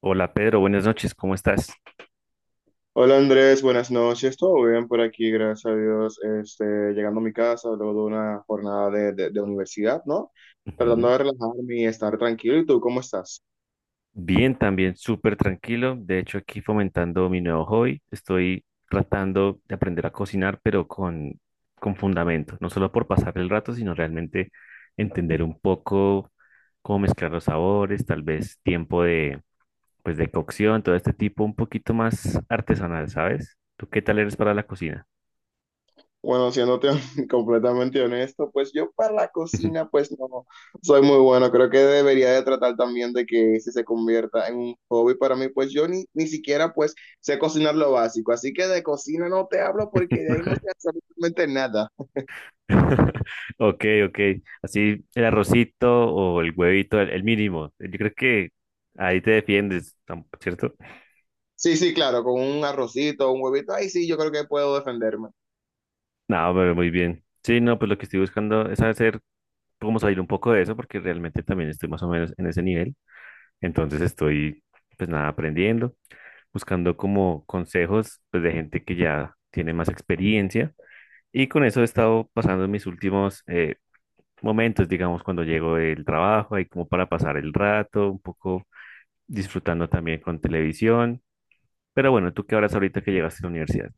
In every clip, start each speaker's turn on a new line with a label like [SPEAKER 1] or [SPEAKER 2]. [SPEAKER 1] Hola Pedro, buenas noches, ¿cómo estás?
[SPEAKER 2] Hola Andrés, buenas noches. Todo bien por aquí, gracias a Dios. Llegando a mi casa luego de una jornada de universidad, ¿no? Tratando
[SPEAKER 1] Ujú.
[SPEAKER 2] de relajarme y estar tranquilo. ¿Y tú cómo estás?
[SPEAKER 1] Bien, también súper tranquilo. De hecho, aquí fomentando mi nuevo hobby. Estoy tratando de aprender a cocinar, pero con fundamento. No solo por pasar el rato, sino realmente entender un poco cómo mezclar los sabores, tal vez tiempo de, pues, de cocción, todo este tipo un poquito más artesanal, ¿sabes? ¿Tú qué tal eres para la cocina?
[SPEAKER 2] Bueno, siéndote completamente honesto, pues yo para la cocina, pues no soy muy bueno. Creo que debería de tratar también de que ese se convierta en un hobby para mí, pues yo ni siquiera pues sé cocinar lo básico. Así que de cocina no te hablo porque de ahí no sé absolutamente nada.
[SPEAKER 1] Ok, ok. Así el arrocito o el huevito, el mínimo. Yo creo que ahí te defiendes, tam- ¿cierto?
[SPEAKER 2] Sí, sí, claro, con un arrocito, un huevito, ahí sí, yo creo que puedo defenderme.
[SPEAKER 1] No, pero muy bien. Sí, no, pues lo que estoy buscando es hacer, cómo salir un poco de eso, porque realmente también estoy más o menos en ese nivel. Entonces estoy, pues nada, aprendiendo, buscando como consejos, pues de gente que ya tiene más experiencia. Y con eso he estado pasando mis últimos momentos, digamos, cuando llego del trabajo, ahí como para pasar el rato, un poco disfrutando también con televisión. Pero bueno, ¿tú qué harás ahorita que llegaste a la universidad?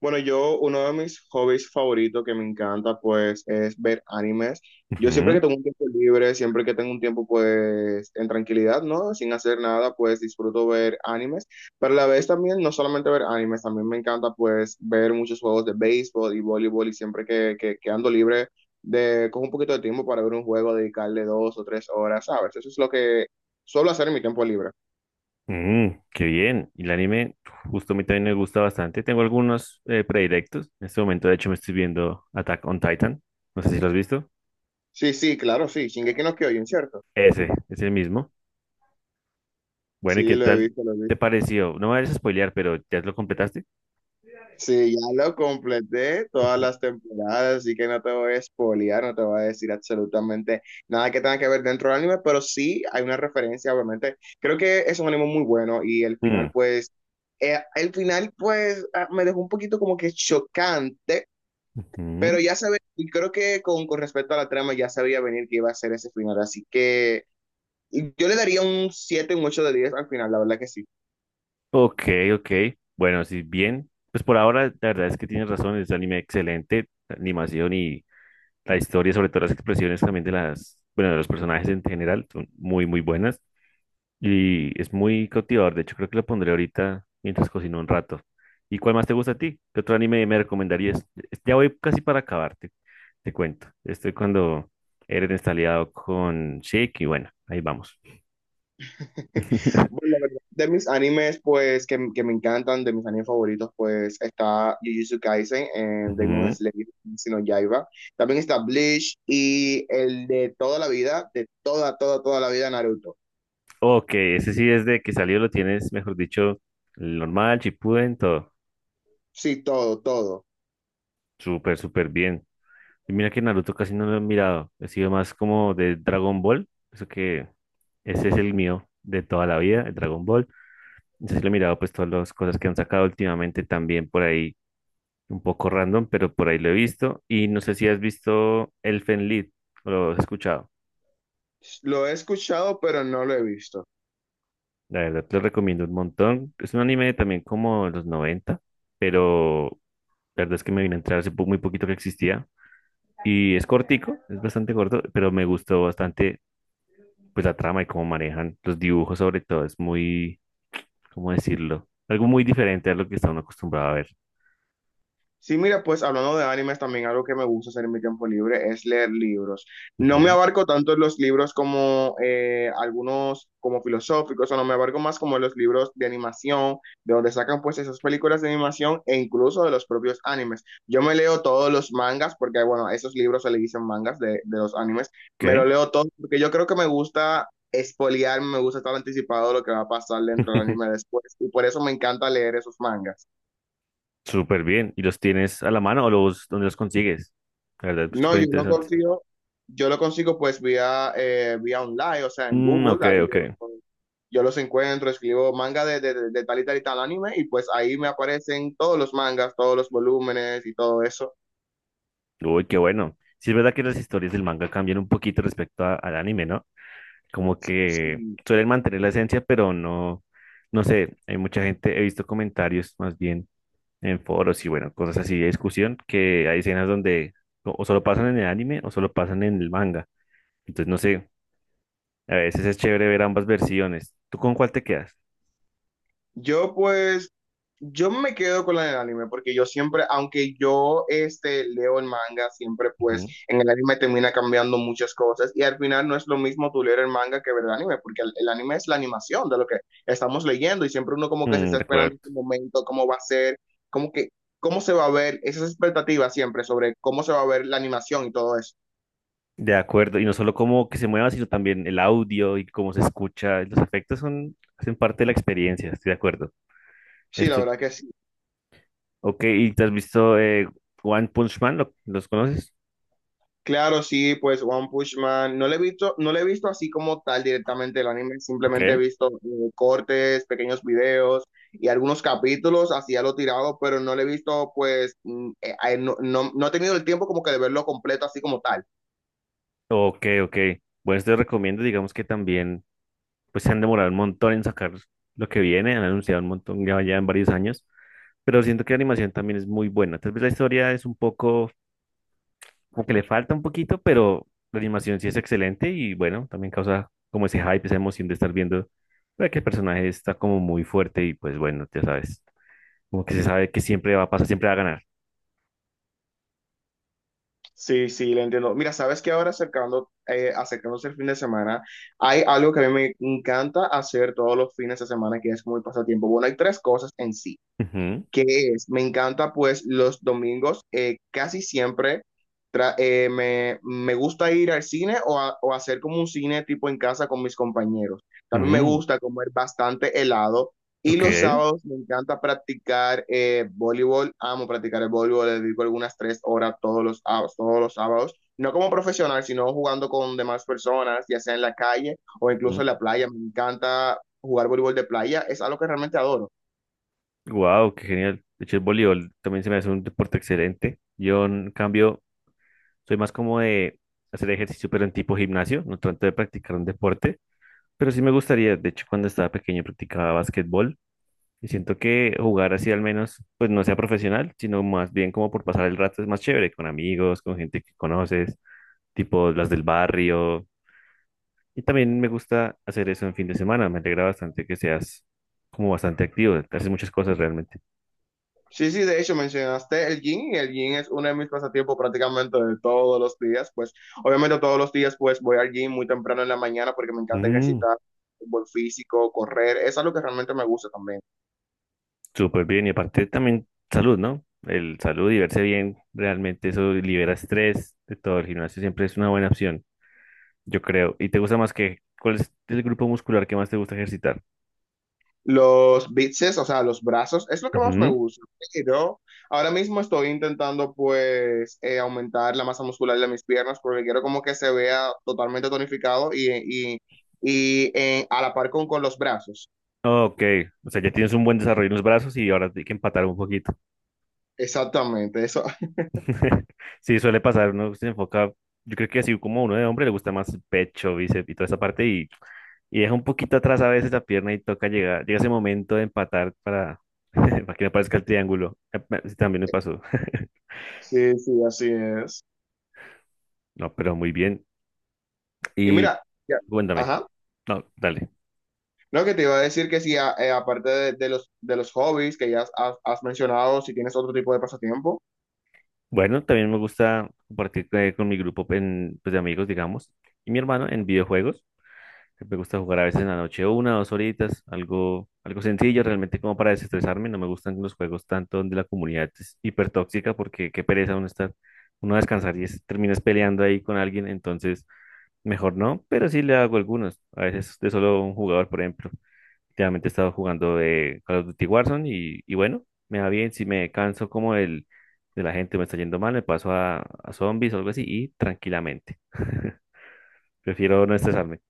[SPEAKER 2] Bueno, yo, uno de mis hobbies favoritos que me encanta, pues, es ver animes. Yo siempre
[SPEAKER 1] Ujú,
[SPEAKER 2] que tengo un tiempo libre, siempre que tengo un tiempo, pues, en tranquilidad, ¿no? Sin hacer nada, pues, disfruto ver animes. Pero a la vez también, no solamente ver animes, también me encanta, pues, ver muchos juegos de béisbol y voleibol y siempre que ando libre, de, con un poquito de tiempo para ver un juego, dedicarle 2 o 3 horas, ¿sabes? Eso es lo que suelo hacer en mi tiempo libre.
[SPEAKER 1] mm, qué bien. Y el anime, justo a mí también me gusta bastante. Tengo algunos predilectos. En este momento, de hecho, me estoy viendo Attack on Titan. No sé si lo has visto.
[SPEAKER 2] Sí, sí, claro, sí. Shingeki no Kyojin, ¿cierto?
[SPEAKER 1] Ese, es el mismo. Bueno, ¿y
[SPEAKER 2] Sí,
[SPEAKER 1] qué
[SPEAKER 2] lo he
[SPEAKER 1] tal
[SPEAKER 2] visto, lo he
[SPEAKER 1] te
[SPEAKER 2] visto.
[SPEAKER 1] pareció? No me vayas a spoilear, pero ¿ya lo completaste?
[SPEAKER 2] Sí, ya lo completé todas
[SPEAKER 1] Ujú.
[SPEAKER 2] las temporadas, así que no te voy a spoilear, no te voy a decir absolutamente nada que tenga que ver dentro del anime, pero sí hay una referencia, obviamente. Creo que es un anime muy bueno y
[SPEAKER 1] Mm,
[SPEAKER 2] el final, pues, ah, me dejó un poquito como que chocante,
[SPEAKER 1] ujú.
[SPEAKER 2] pero ya sabía, y creo que con respecto a la trama ya sabía venir que iba a ser ese final, así que yo le daría un 7, un 8 de 10 al final, la verdad que sí.
[SPEAKER 1] Ok, ok. Bueno, si bien, pues por ahora la verdad es que tienes razón, es un anime excelente, animación y la historia, sobre todo las expresiones también de las, bueno, de los personajes en general, son muy, muy buenas. Y es muy cautivador. De hecho, creo que lo pondré ahorita mientras cocino un rato. ¿Y cuál más te gusta a ti? ¿Qué otro anime me recomendarías? Ya voy casi para acabarte, te cuento. Estoy cuando Eren está aliado con Sheik y bueno, ahí vamos.
[SPEAKER 2] Bueno, la verdad, de mis animes, pues, que me encantan, de mis animes favoritos, pues, está Jujutsu Kaisen, Demon
[SPEAKER 1] Ujú.
[SPEAKER 2] Slayer, Kimetsu no Yaiba. También está Bleach y el de toda la vida, de toda, toda, toda la vida, Naruto.
[SPEAKER 1] Ok, ese sí desde que salió lo tienes, mejor dicho, el normal, Shippuden, todo.
[SPEAKER 2] Sí, todo, todo.
[SPEAKER 1] Súper, súper bien. Y mira que Naruto casi no lo he mirado. He sido más como de Dragon Ball. Eso que ese es el mío de toda la vida, el Dragon Ball. Entonces sí lo he mirado pues todas las cosas que han sacado últimamente también por ahí, un poco random, pero por ahí lo he visto. Y no sé si has visto Elfen Lied o lo has escuchado.
[SPEAKER 2] Lo he escuchado, pero no lo he visto.
[SPEAKER 1] La verdad te lo recomiendo un montón. Es un anime también como de los 90, pero la verdad es que me vine a entrar hace po- muy poquito que existía. Y es cortico, es bastante corto, pero me gustó bastante pues la trama y cómo manejan los dibujos sobre todo es muy, ¿cómo decirlo? Algo muy diferente a lo que está uno acostumbrado a ver.
[SPEAKER 2] Sí, mira, pues hablando de animes, también algo que me gusta hacer en mi tiempo libre es leer libros. No me
[SPEAKER 1] Ujú.
[SPEAKER 2] abarco tanto en los libros como algunos como filosóficos, o no me abarco más como los libros de animación, de donde sacan pues esas películas de animación e incluso de los propios animes. Yo me leo todos los mangas, porque bueno, a esos libros se le dicen mangas de los animes, me lo
[SPEAKER 1] ¿Qué?
[SPEAKER 2] leo todo, porque yo creo que me gusta espoliar, me gusta estar anticipado de lo que va a pasar dentro del anime después, y por eso me encanta leer esos mangas.
[SPEAKER 1] Súper bien. ¿Y los tienes a la mano o los, dónde los consigues? La verdad, es
[SPEAKER 2] No,
[SPEAKER 1] súper interesante.
[SPEAKER 2] yo lo consigo pues vía, vía online, o sea, en
[SPEAKER 1] Mm, ok,
[SPEAKER 2] Google, ahí
[SPEAKER 1] ok.
[SPEAKER 2] yo los encuentro, escribo manga de tal y tal y tal anime y pues ahí me aparecen todos los mangas, todos los volúmenes y todo eso.
[SPEAKER 1] Uy, qué bueno. Sí, es verdad que las historias del manga cambian un poquito respecto a- al anime, ¿no? Como que
[SPEAKER 2] Sí.
[SPEAKER 1] suelen mantener la esencia, pero no, no sé, hay mucha gente, he visto comentarios más bien en foros y bueno, cosas así de discusión, que hay escenas donde o solo pasan en el anime o solo pasan en el manga. Entonces, no sé, a veces es chévere ver ambas versiones. ¿Tú con cuál te quedas?
[SPEAKER 2] Yo pues, yo me quedo con la del anime porque yo siempre, aunque yo este, leo el manga, siempre pues
[SPEAKER 1] Ujú.
[SPEAKER 2] en el anime termina cambiando muchas cosas y al final no es lo mismo tú leer el manga que ver el anime porque el anime es la animación de lo que estamos leyendo y siempre uno como que se
[SPEAKER 1] Mm,
[SPEAKER 2] está
[SPEAKER 1] de
[SPEAKER 2] esperando
[SPEAKER 1] acuerdo.
[SPEAKER 2] este momento, cómo va a ser, cómo que, cómo se va a ver, esas expectativas siempre sobre cómo se va a ver la animación y todo eso.
[SPEAKER 1] De acuerdo, y no solo cómo que se mueva, sino también el audio y cómo se escucha. Los efectos son, hacen parte de la experiencia, estoy de acuerdo.
[SPEAKER 2] Sí, la
[SPEAKER 1] Este,
[SPEAKER 2] verdad que sí.
[SPEAKER 1] ok, ¿y te has visto One Punch Man? ¿Lo- ¿Los conoces?
[SPEAKER 2] Claro, sí, pues One Punch Man, no le he visto, no le he visto así como tal directamente el anime,
[SPEAKER 1] Ok,
[SPEAKER 2] simplemente he visto cortes, pequeños videos y algunos capítulos, así a lo tirado, pero no le he visto pues, mm, no, no, no he tenido el tiempo como que de verlo completo así como tal.
[SPEAKER 1] ok, ok. Bueno, te recomiendo, digamos que también. Pues se han demorado un montón en sacar lo que viene, han anunciado un montón ya, ya en varios años, pero siento que la animación también es muy buena. Tal vez la historia es un poco, como que le falta un poquito, pero la animación sí es excelente y bueno, también causa como ese hype, esa emoción de estar viendo que el personaje está como muy fuerte y pues bueno, ya sabes, como que se sabe que siempre va a pasar, siempre va a ganar.
[SPEAKER 2] Sí, sí, lo entiendo. Mira, sabes que ahora acercando, acercándose el fin de semana, hay algo que a mí me encanta hacer todos los fines de semana que es como el pasatiempo. Bueno, hay tres cosas en sí,
[SPEAKER 1] Ujú,
[SPEAKER 2] que es, me encanta pues los domingos, casi siempre me gusta ir al cine o hacer como un cine tipo en casa con mis compañeros. También me
[SPEAKER 1] ujú,
[SPEAKER 2] gusta comer bastante helado y
[SPEAKER 1] ok,
[SPEAKER 2] los sábados me encanta practicar voleibol, amo practicar el voleibol, le dedico algunas 3 horas todos sábados todos los sábados. No como profesional, sino jugando con demás personas, ya sea en la calle o incluso en la playa. Me encanta jugar voleibol de playa, es algo que realmente adoro.
[SPEAKER 1] wow, qué genial. De hecho, el voleibol también se me hace un deporte excelente. Yo, en cambio, soy más como de hacer ejercicio, pero en tipo gimnasio, no tanto de practicar un deporte, pero sí me gustaría, de hecho, cuando estaba pequeño practicaba básquetbol y siento que jugar así al menos, pues no sea profesional, sino más bien como por pasar el rato es más chévere, con amigos, con gente que conoces, tipo las del barrio. Y también me gusta hacer eso en fin de semana, me alegra bastante que seas como bastante activo, haces muchas cosas realmente.
[SPEAKER 2] Sí, sí, de hecho mencionaste el gym y el gym es uno de mis pasatiempos prácticamente de todos los días, pues obviamente todos los días pues voy al gym muy temprano en la mañana porque me encanta
[SPEAKER 1] Mm.
[SPEAKER 2] ejercitar fútbol físico, correr, es algo que realmente me gusta también.
[SPEAKER 1] Súper bien, y aparte también salud, ¿no? El salud y verse bien, realmente eso libera estrés de todo. El gimnasio siempre es una buena opción, yo creo. ¿Y te gusta más que, cuál es el grupo muscular que más te gusta ejercitar?
[SPEAKER 2] Los bíceps, o sea, los brazos, es lo que más me
[SPEAKER 1] Ujú.
[SPEAKER 2] gusta, pero ahora mismo estoy intentando pues aumentar la masa muscular de mis piernas porque quiero como que se vea totalmente tonificado y a la par con los brazos.
[SPEAKER 1] Ok, o sea, ya tienes un buen desarrollo en los brazos y ahora hay que empatar un poquito.
[SPEAKER 2] Exactamente, eso.
[SPEAKER 1] Sí, suele pasar, uno se enfoca, yo creo que así como uno de hombre le gusta más el pecho, bíceps y toda esa parte y deja un poquito atrás a veces la pierna y toca llegar, llega ese momento de empatar para, para que no aparezca el triángulo. Sí, también me pasó.
[SPEAKER 2] Sí, sí, así es.
[SPEAKER 1] No, pero muy bien.
[SPEAKER 2] Y
[SPEAKER 1] Y
[SPEAKER 2] mira, ya-
[SPEAKER 1] cuéntame.
[SPEAKER 2] ajá.
[SPEAKER 1] No, dale.
[SPEAKER 2] Lo que te iba a decir que sí, aparte de los hobbies que has mencionado, si tienes otro tipo de pasatiempo.
[SPEAKER 1] Bueno, también me gusta compartir con mi grupo en, pues, de amigos, digamos, y mi hermano en videojuegos. Me gusta jugar a veces en la noche una, o dos horitas, algo, algo sencillo realmente como para desestresarme. No me gustan los juegos tanto donde la comunidad es hipertóxica porque qué pereza uno estar, uno a descansar y es- terminas peleando ahí con alguien. Entonces, mejor no, pero sí le hago algunos. A veces de solo un jugador, por ejemplo. Últimamente he estado jugando de Call of Duty Warzone y bueno, me va bien. Si me canso como el de la gente me está yendo mal, me paso a zombies o algo así y tranquilamente. Prefiero no estresarme.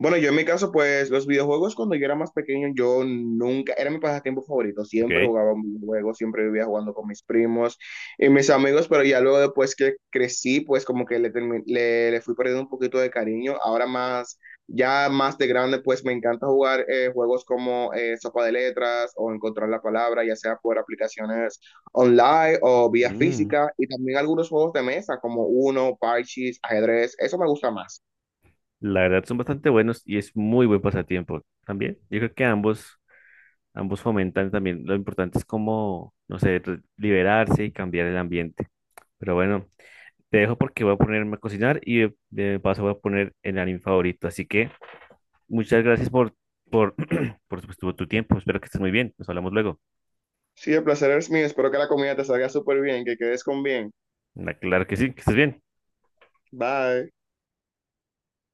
[SPEAKER 2] Bueno, yo en mi caso, pues los videojuegos cuando yo era más pequeño, yo nunca, era mi pasatiempo favorito, siempre
[SPEAKER 1] Ok.
[SPEAKER 2] jugaba un videojuego, siempre vivía jugando con mis primos y mis amigos, pero ya luego después que crecí, pues como que le, le fui perdiendo un poquito de cariño, ahora más, ya más de grande, pues me encanta jugar juegos como Sopa de Letras o Encontrar la Palabra, ya sea por aplicaciones online o vía
[SPEAKER 1] Mm,
[SPEAKER 2] física y también algunos juegos de mesa como Uno, Parchís, ajedrez, eso me gusta más.
[SPEAKER 1] la verdad son bastante buenos y es muy buen pasatiempo también. Yo creo que ambos fomentan también. Lo importante es como, no sé, re- liberarse y cambiar el ambiente. Pero bueno, te dejo porque voy a ponerme a cocinar y de paso voy a poner el anime favorito. Así que muchas gracias por, por pues, tu tiempo. Espero que estés muy bien. Nos hablamos luego.
[SPEAKER 2] Sí, el placer es mío. Espero que la comida te salga súper bien, que quedes con bien.
[SPEAKER 1] Claro que sí, que estés bien.
[SPEAKER 2] Bye.